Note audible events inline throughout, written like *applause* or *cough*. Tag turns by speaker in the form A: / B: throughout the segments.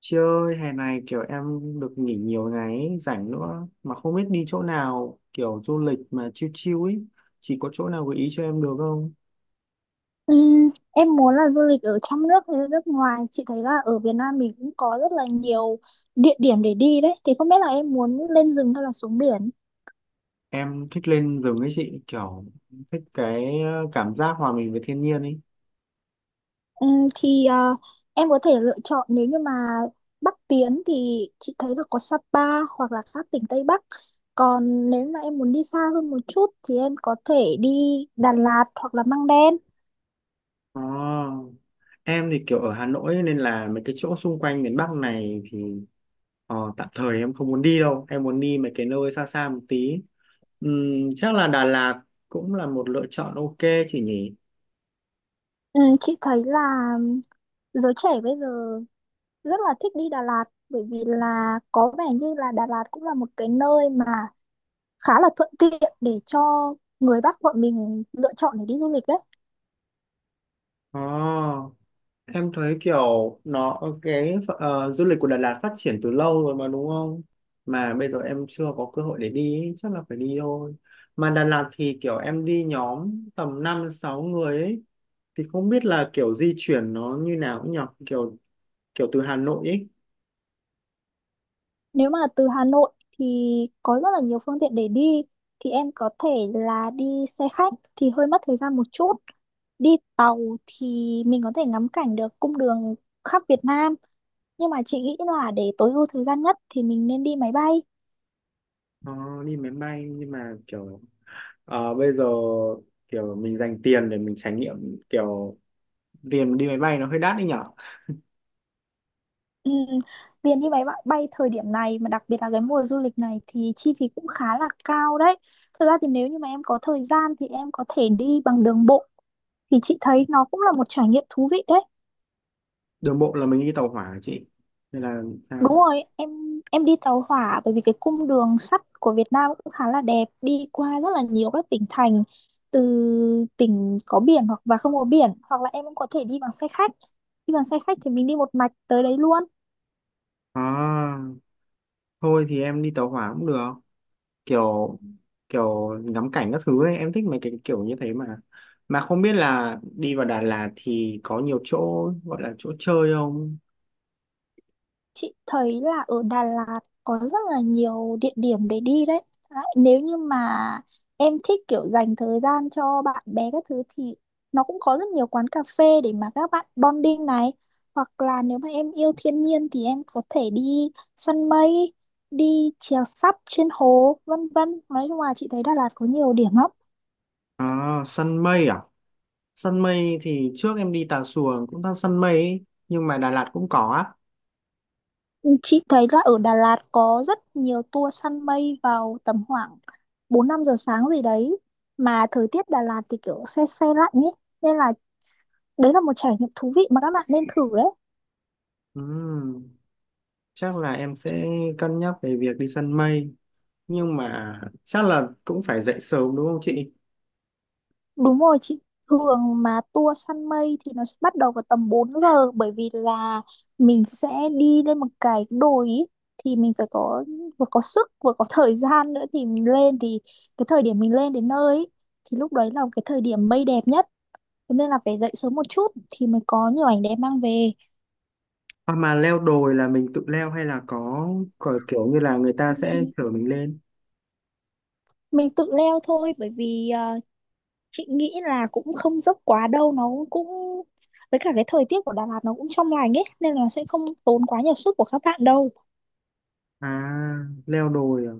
A: Chị ơi, hè này kiểu em được nghỉ nhiều ngày ấy, rảnh nữa mà không biết đi chỗ nào kiểu du lịch mà chill chill ấy. Chị có chỗ nào gợi ý cho em được không?
B: Em muốn là du lịch ở trong nước hay là nước ngoài? Chị thấy là ở Việt Nam mình cũng có rất là nhiều địa điểm để đi đấy, thì không biết là em muốn lên rừng hay là xuống biển?
A: Em thích lên rừng ấy chị, kiểu thích cái cảm giác hòa mình với thiên nhiên ấy.
B: Thì em có thể lựa chọn, nếu như mà Bắc tiến thì chị thấy là có Sapa hoặc là các tỉnh Tây Bắc, còn nếu mà em muốn đi xa hơn một chút thì em có thể đi Đà Lạt hoặc là Măng Đen.
A: À, em thì kiểu ở Hà Nội ấy, nên là mấy cái chỗ xung quanh miền Bắc này thì tạm thời em không muốn đi đâu. Em muốn đi mấy cái nơi xa xa một tí. Chắc là Đà Lạt cũng là một lựa chọn ok chị nhỉ?
B: Chị thấy là giới trẻ bây giờ rất là thích đi Đà Lạt, bởi vì là có vẻ như là Đà Lạt cũng là một cái nơi mà khá là thuận tiện để cho người Bắc bọn mình lựa chọn để đi du lịch đấy.
A: Ờ. Em thấy kiểu nó cái du lịch của Đà Lạt phát triển từ lâu rồi mà đúng không? Mà bây giờ em chưa có cơ hội để đi ý, chắc là phải đi thôi. Mà Đà Lạt thì kiểu em đi nhóm tầm 5 6 người ấy thì không biết là kiểu di chuyển nó như nào cũng nhỉ, kiểu kiểu từ Hà Nội ấy.
B: Nếu mà từ Hà Nội thì có rất là nhiều phương tiện để đi, thì em có thể là đi xe khách thì hơi mất thời gian một chút. Đi tàu thì mình có thể ngắm cảnh được cung đường khắp Việt Nam, nhưng mà chị nghĩ là để tối ưu thời gian nhất thì mình nên đi máy bay.
A: ờ, Đi máy bay nhưng mà kiểu bây giờ kiểu mình dành tiền để mình trải nghiệm kiểu tiền đi máy bay nó hơi đắt đấy nhỉ.
B: Ừ, tiền đi máy bay, bay thời điểm này mà đặc biệt là cái mùa du lịch này thì chi phí cũng khá là cao đấy. Thật ra thì nếu như mà em có thời gian thì em có thể đi bằng đường bộ, thì chị thấy nó cũng là một trải nghiệm thú vị đấy.
A: Đường bộ là mình đi tàu hỏa hả chị. Nên là
B: Đúng
A: sao?
B: rồi, em đi tàu hỏa bởi vì cái cung đường sắt của Việt Nam cũng khá là đẹp, đi qua rất là nhiều các tỉnh thành, từ tỉnh có biển hoặc và không có biển, hoặc là em cũng có thể đi bằng xe khách. Đi bằng xe khách thì mình đi một mạch tới đấy luôn.
A: À, thôi thì em đi tàu hỏa cũng được, kiểu kiểu ngắm cảnh các thứ ấy em thích mấy cái kiểu như thế mà không biết là đi vào Đà Lạt thì có nhiều chỗ gọi là chỗ chơi không?
B: Chị thấy là ở Đà Lạt có rất là nhiều địa điểm để đi đấy. Nếu như mà em thích kiểu dành thời gian cho bạn bè các thứ thì nó cũng có rất nhiều quán cà phê để mà các bạn bonding này. Hoặc là nếu mà em yêu thiên nhiên thì em có thể đi săn mây, đi chèo sắp trên hồ, vân vân. Nói chung là chị thấy Đà Lạt có nhiều điểm lắm.
A: À, săn mây à? Săn mây thì trước em đi Tà Xùa cũng đang săn mây ấy, nhưng mà Đà Lạt cũng có á.
B: Chị thấy là ở Đà Lạt có rất nhiều tour săn mây vào tầm khoảng 4-5 giờ sáng gì đấy, mà thời tiết Đà Lạt thì kiểu se se lạnh ấy, nên là đấy là một trải nghiệm thú vị mà các bạn nên thử đấy.
A: Ừm, chắc là em sẽ cân nhắc về việc đi săn mây, nhưng mà chắc là cũng phải dậy sớm đúng không chị?
B: Đúng rồi chị. Thường mà tour săn mây thì nó sẽ bắt đầu vào tầm 4 giờ, bởi vì là mình sẽ đi lên một cái đồi ý. Thì mình phải có vừa có sức vừa có thời gian nữa thì mình lên, thì cái thời điểm mình lên đến nơi ý, thì lúc đấy là cái thời điểm mây đẹp nhất. Thế nên là phải dậy sớm một chút thì mới có nhiều ảnh đẹp mang về.
A: Hoặc mà leo đồi là mình tự leo hay là có kiểu như là người ta sẽ
B: mình
A: chở mình lên?
B: mình tự leo thôi, bởi vì chị nghĩ là cũng không dốc quá đâu, nó cũng với cả cái thời tiết của Đà Lạt nó cũng trong lành ấy nên là sẽ không tốn quá nhiều sức của các bạn đâu.
A: À, leo đồi à?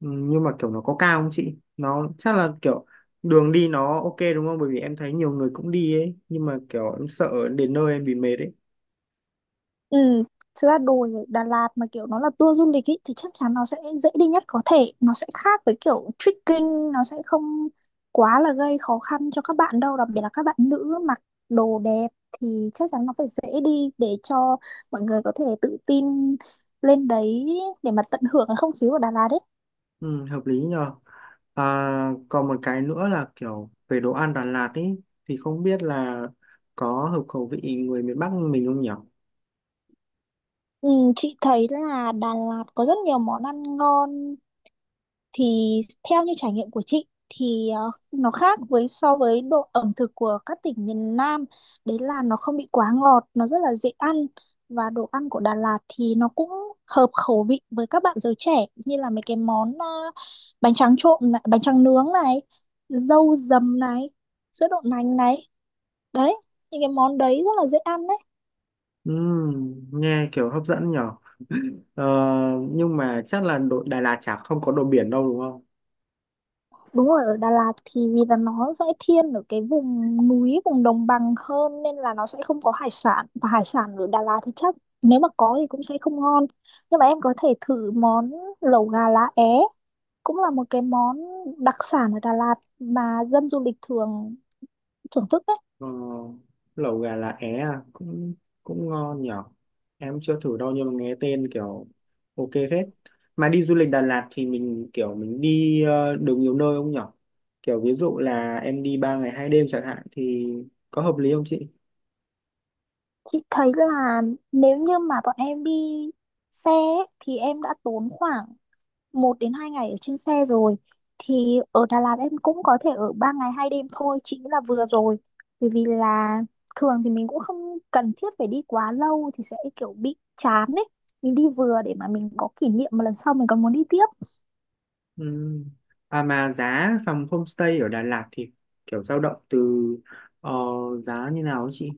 A: Ừ, nhưng mà kiểu nó có cao không chị? Nó chắc là kiểu đường đi nó ok đúng không? Bởi vì em thấy nhiều người cũng đi ấy. Nhưng mà kiểu em sợ đến nơi em bị mệt ấy.
B: Ừ, thực ra đồi ở Đà Lạt mà kiểu nó là tour du lịch ý, thì chắc chắn nó sẽ dễ đi nhất có thể. Nó sẽ khác với kiểu trekking, nó sẽ không quá là gây khó khăn cho các bạn đâu. Đặc biệt là các bạn nữ mặc đồ đẹp thì chắc chắn nó phải dễ đi để cho mọi người có thể tự tin lên đấy để mà tận hưởng cái không khí của Đà Lạt ấy.
A: Ừ, hợp lý nhờ. À, còn một cái nữa là kiểu về đồ ăn Đà Lạt ấy. Thì không biết là có hợp khẩu vị người miền Bắc mình không nhỉ?
B: Ừ, chị thấy là Đà Lạt có rất nhiều món ăn ngon, thì theo như trải nghiệm của chị thì nó khác với so với độ ẩm thực của các tỉnh miền Nam, đấy là nó không bị quá ngọt, nó rất là dễ ăn, và đồ ăn của Đà Lạt thì nó cũng hợp khẩu vị với các bạn giới trẻ, như là mấy cái món bánh tráng trộn này, bánh tráng nướng này, dâu dầm này, sữa đậu nành này, đấy, những cái món đấy rất là dễ ăn đấy.
A: Nghe kiểu hấp dẫn nhở. Ờ, nhưng mà chắc là đội Đà Lạt chả không có đồ biển đâu đúng không?
B: Đúng rồi, ở Đà Lạt thì vì là nó sẽ thiên ở cái vùng núi, vùng đồng bằng hơn, nên là nó sẽ không có hải sản. Và hải sản ở Đà Lạt thì chắc nếu mà có thì cũng sẽ không ngon. Nhưng mà em có thể thử món lẩu gà lá é, cũng là một cái món đặc sản ở Đà Lạt mà dân du lịch thường thưởng thức đấy.
A: Ờ, lẩu gà lá é à, cũng cũng ngon nhở, em chưa thử đâu nhưng mà nghe tên kiểu ok phết. Mà đi du lịch Đà Lạt thì mình kiểu mình đi được nhiều nơi không nhở, kiểu ví dụ là em đi 3 ngày hai đêm chẳng hạn thì có hợp lý không chị?
B: Chị thấy là nếu như mà bọn em đi xe ấy, thì em đã tốn khoảng 1 đến 2 ngày ở trên xe rồi, thì ở Đà Lạt em cũng có thể ở 3 ngày 2 đêm thôi, chị nghĩ là vừa rồi, bởi vì là thường thì mình cũng không cần thiết phải đi quá lâu thì sẽ kiểu bị chán ấy, mình đi vừa để mà mình có kỷ niệm mà lần sau mình còn muốn đi tiếp.
A: Ừm. À mà giá phòng homestay ở Đà Lạt thì kiểu dao động từ ờ, giá như nào ấy chị?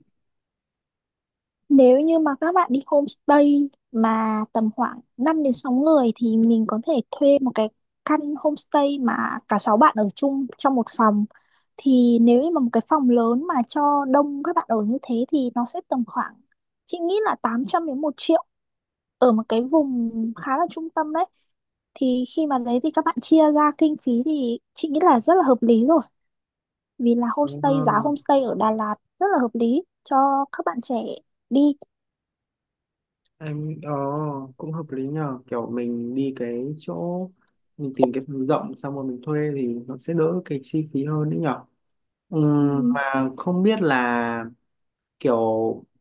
B: Nếu như mà các bạn đi homestay mà tầm khoảng 5 đến 6 người thì mình có thể thuê một cái căn homestay mà cả 6 bạn ở chung trong một phòng. Thì nếu như mà một cái phòng lớn mà cho đông các bạn ở như thế thì nó sẽ tầm khoảng, chị nghĩ là 800 đến một triệu, ở một cái vùng khá là trung tâm đấy. Thì khi mà đấy thì các bạn chia ra kinh phí thì chị nghĩ là rất là hợp lý rồi. Vì là
A: Ờ,
B: homestay, giá homestay ở Đà Lạt rất là hợp lý cho các bạn trẻ đi.
A: em cũng hợp lý nhờ, kiểu mình đi cái chỗ mình tìm cái phòng rộng xong rồi mình thuê thì nó sẽ đỡ cái chi phí hơn đấy nhở.
B: Ừ.
A: Mà không biết là kiểu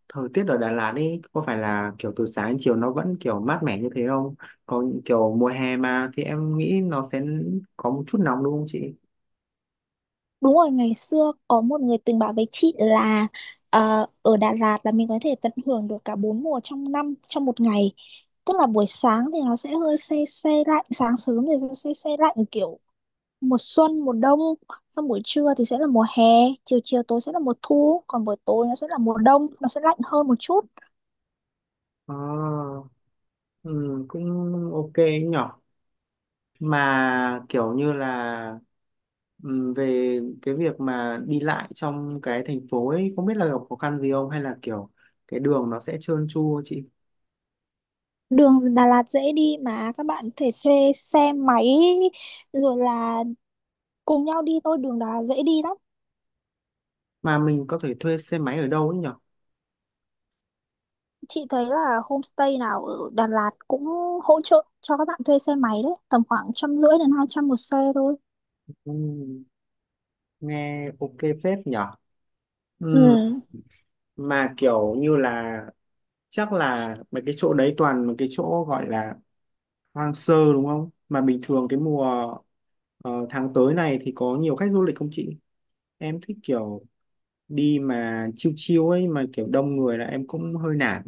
A: thời tiết ở Đà Lạt ấy có phải là kiểu từ sáng đến chiều nó vẫn kiểu mát mẻ như thế không, còn kiểu mùa hè mà thì em nghĩ nó sẽ có một chút nóng đúng không chị?
B: Đúng rồi, ngày xưa có một người từng bảo với chị là ở Đà Lạt là mình có thể tận hưởng được cả bốn mùa trong năm trong một ngày. Tức là buổi sáng thì nó sẽ hơi se se lạnh, sáng sớm thì sẽ se se lạnh kiểu mùa xuân, mùa đông, xong buổi trưa thì sẽ là mùa hè, chiều chiều tối sẽ là mùa thu, còn buổi tối nó sẽ là mùa đông, nó sẽ lạnh hơn một chút.
A: Ờ, cũng ok nhỉ. Mà kiểu như là, về cái việc mà đi lại trong cái thành phố ấy không biết là gặp khó khăn gì không hay là kiểu cái đường nó sẽ trơn tru chị?
B: Đường Đà Lạt dễ đi, mà các bạn có thể thuê xe máy rồi là cùng nhau đi thôi, đường Đà Lạt dễ đi lắm.
A: Mà mình có thể thuê xe máy ở đâu ấy nhở?
B: Chị thấy là homestay nào ở Đà Lạt cũng hỗ trợ cho các bạn thuê xe máy đấy, tầm khoảng 150 đến 200 một xe thôi.
A: Ừm, nghe ok phết nhở.
B: Ừ.
A: Ừm, mà kiểu như là chắc là mấy cái chỗ đấy toàn mấy cái chỗ gọi là hoang sơ đúng không, mà bình thường cái mùa tháng tới này thì có nhiều khách du lịch không chị? Em thích kiểu đi mà chiêu chiêu ấy, mà kiểu đông người là em cũng hơi nản.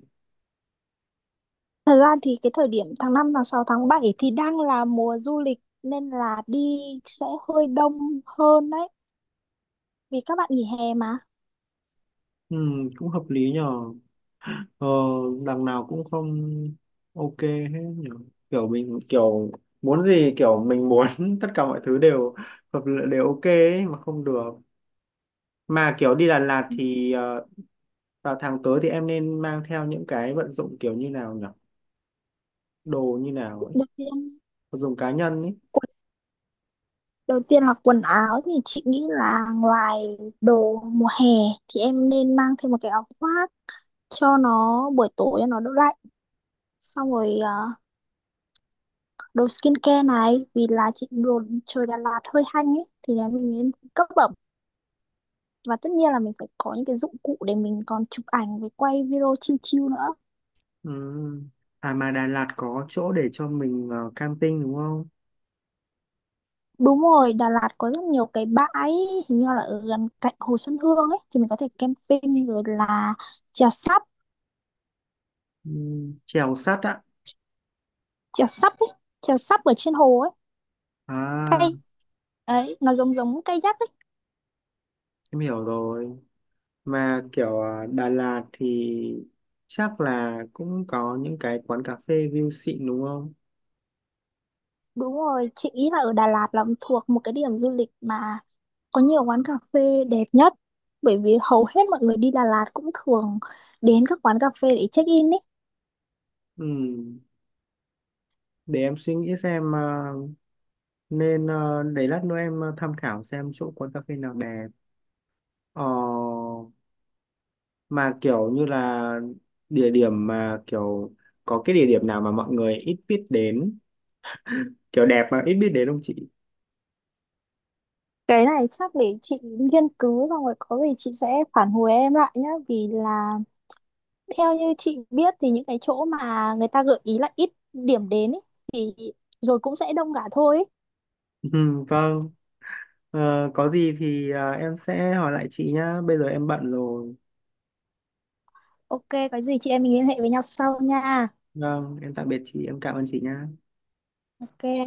B: Thật ra thì cái thời điểm tháng 5 tháng 6 tháng 7 thì đang là mùa du lịch, nên là đi sẽ hơi đông hơn đấy. Vì các bạn nghỉ hè mà.
A: Ừ, cũng hợp lý nhờ. Ờ, đằng nào cũng không ok hết nhờ, kiểu mình kiểu muốn gì kiểu mình muốn *laughs* tất cả mọi thứ đều hợp lệ đều ok ấy, mà không được. Mà kiểu đi Đà Lạt thì vào tháng tới thì em nên mang theo những cái vận dụng kiểu như nào nhỉ, đồ như nào ấy,
B: Đầu tiên,
A: vật dụng cá nhân ấy.
B: quần- đầu tiên là quần áo thì chị nghĩ là ngoài đồ mùa hè thì em nên mang thêm một cái áo khoác cho nó buổi tối cho nó đỡ lạnh. Xong rồi à, đồ skincare này, vì là chị đồ trời Đà Lạt hơi hanh ấy thì là mình nên cấp bẩm, và tất nhiên là mình phải có những cái dụng cụ để mình còn chụp ảnh với quay video chill chill nữa.
A: Ừ. À mà Đà Lạt có chỗ để cho mình camping đúng không?
B: Đúng rồi, Đà Lạt có rất nhiều cái bãi hình như là ở gần cạnh Hồ Xuân Hương ấy thì mình có thể camping, rồi là chèo sắp,
A: Ừ. Chèo sắt á.
B: chèo sắp ấy, chèo sắp ở trên hồ ấy,
A: À,
B: cây ấy, nó giống giống kayak ấy.
A: em hiểu rồi. Mà kiểu à, Đà Lạt thì chắc là cũng có những cái quán cà phê view xịn đúng không?
B: Đúng rồi, chị nghĩ là ở Đà Lạt là thuộc một cái điểm du lịch mà có nhiều quán cà phê đẹp nhất, bởi vì hầu hết mọi người đi Đà Lạt cũng thường đến các quán cà phê để check in ý.
A: Ừ. Để em suy nghĩ xem à, nên à, để lát nữa em à, tham khảo xem chỗ quán cà phê nào đẹp. Ờ, mà kiểu như là địa điểm mà kiểu có cái địa điểm nào mà mọi người ít biết đến, kiểu đẹp mà ít biết đến không chị?
B: Cái này chắc để chị nghiên cứu xong rồi có gì chị sẽ phản hồi em lại nhá, vì là theo như chị biết thì những cái chỗ mà người ta gợi ý là ít điểm đến ý, thì rồi cũng sẽ đông cả thôi ý.
A: *laughs* Ừ, vâng. Ờ, có gì thì à, em sẽ hỏi lại chị nhá. Bây giờ em bận rồi.
B: Ok, có gì chị em mình liên hệ với nhau sau nha.
A: Vâng, em tạm biệt chị, em cảm ơn chị nha.
B: Ok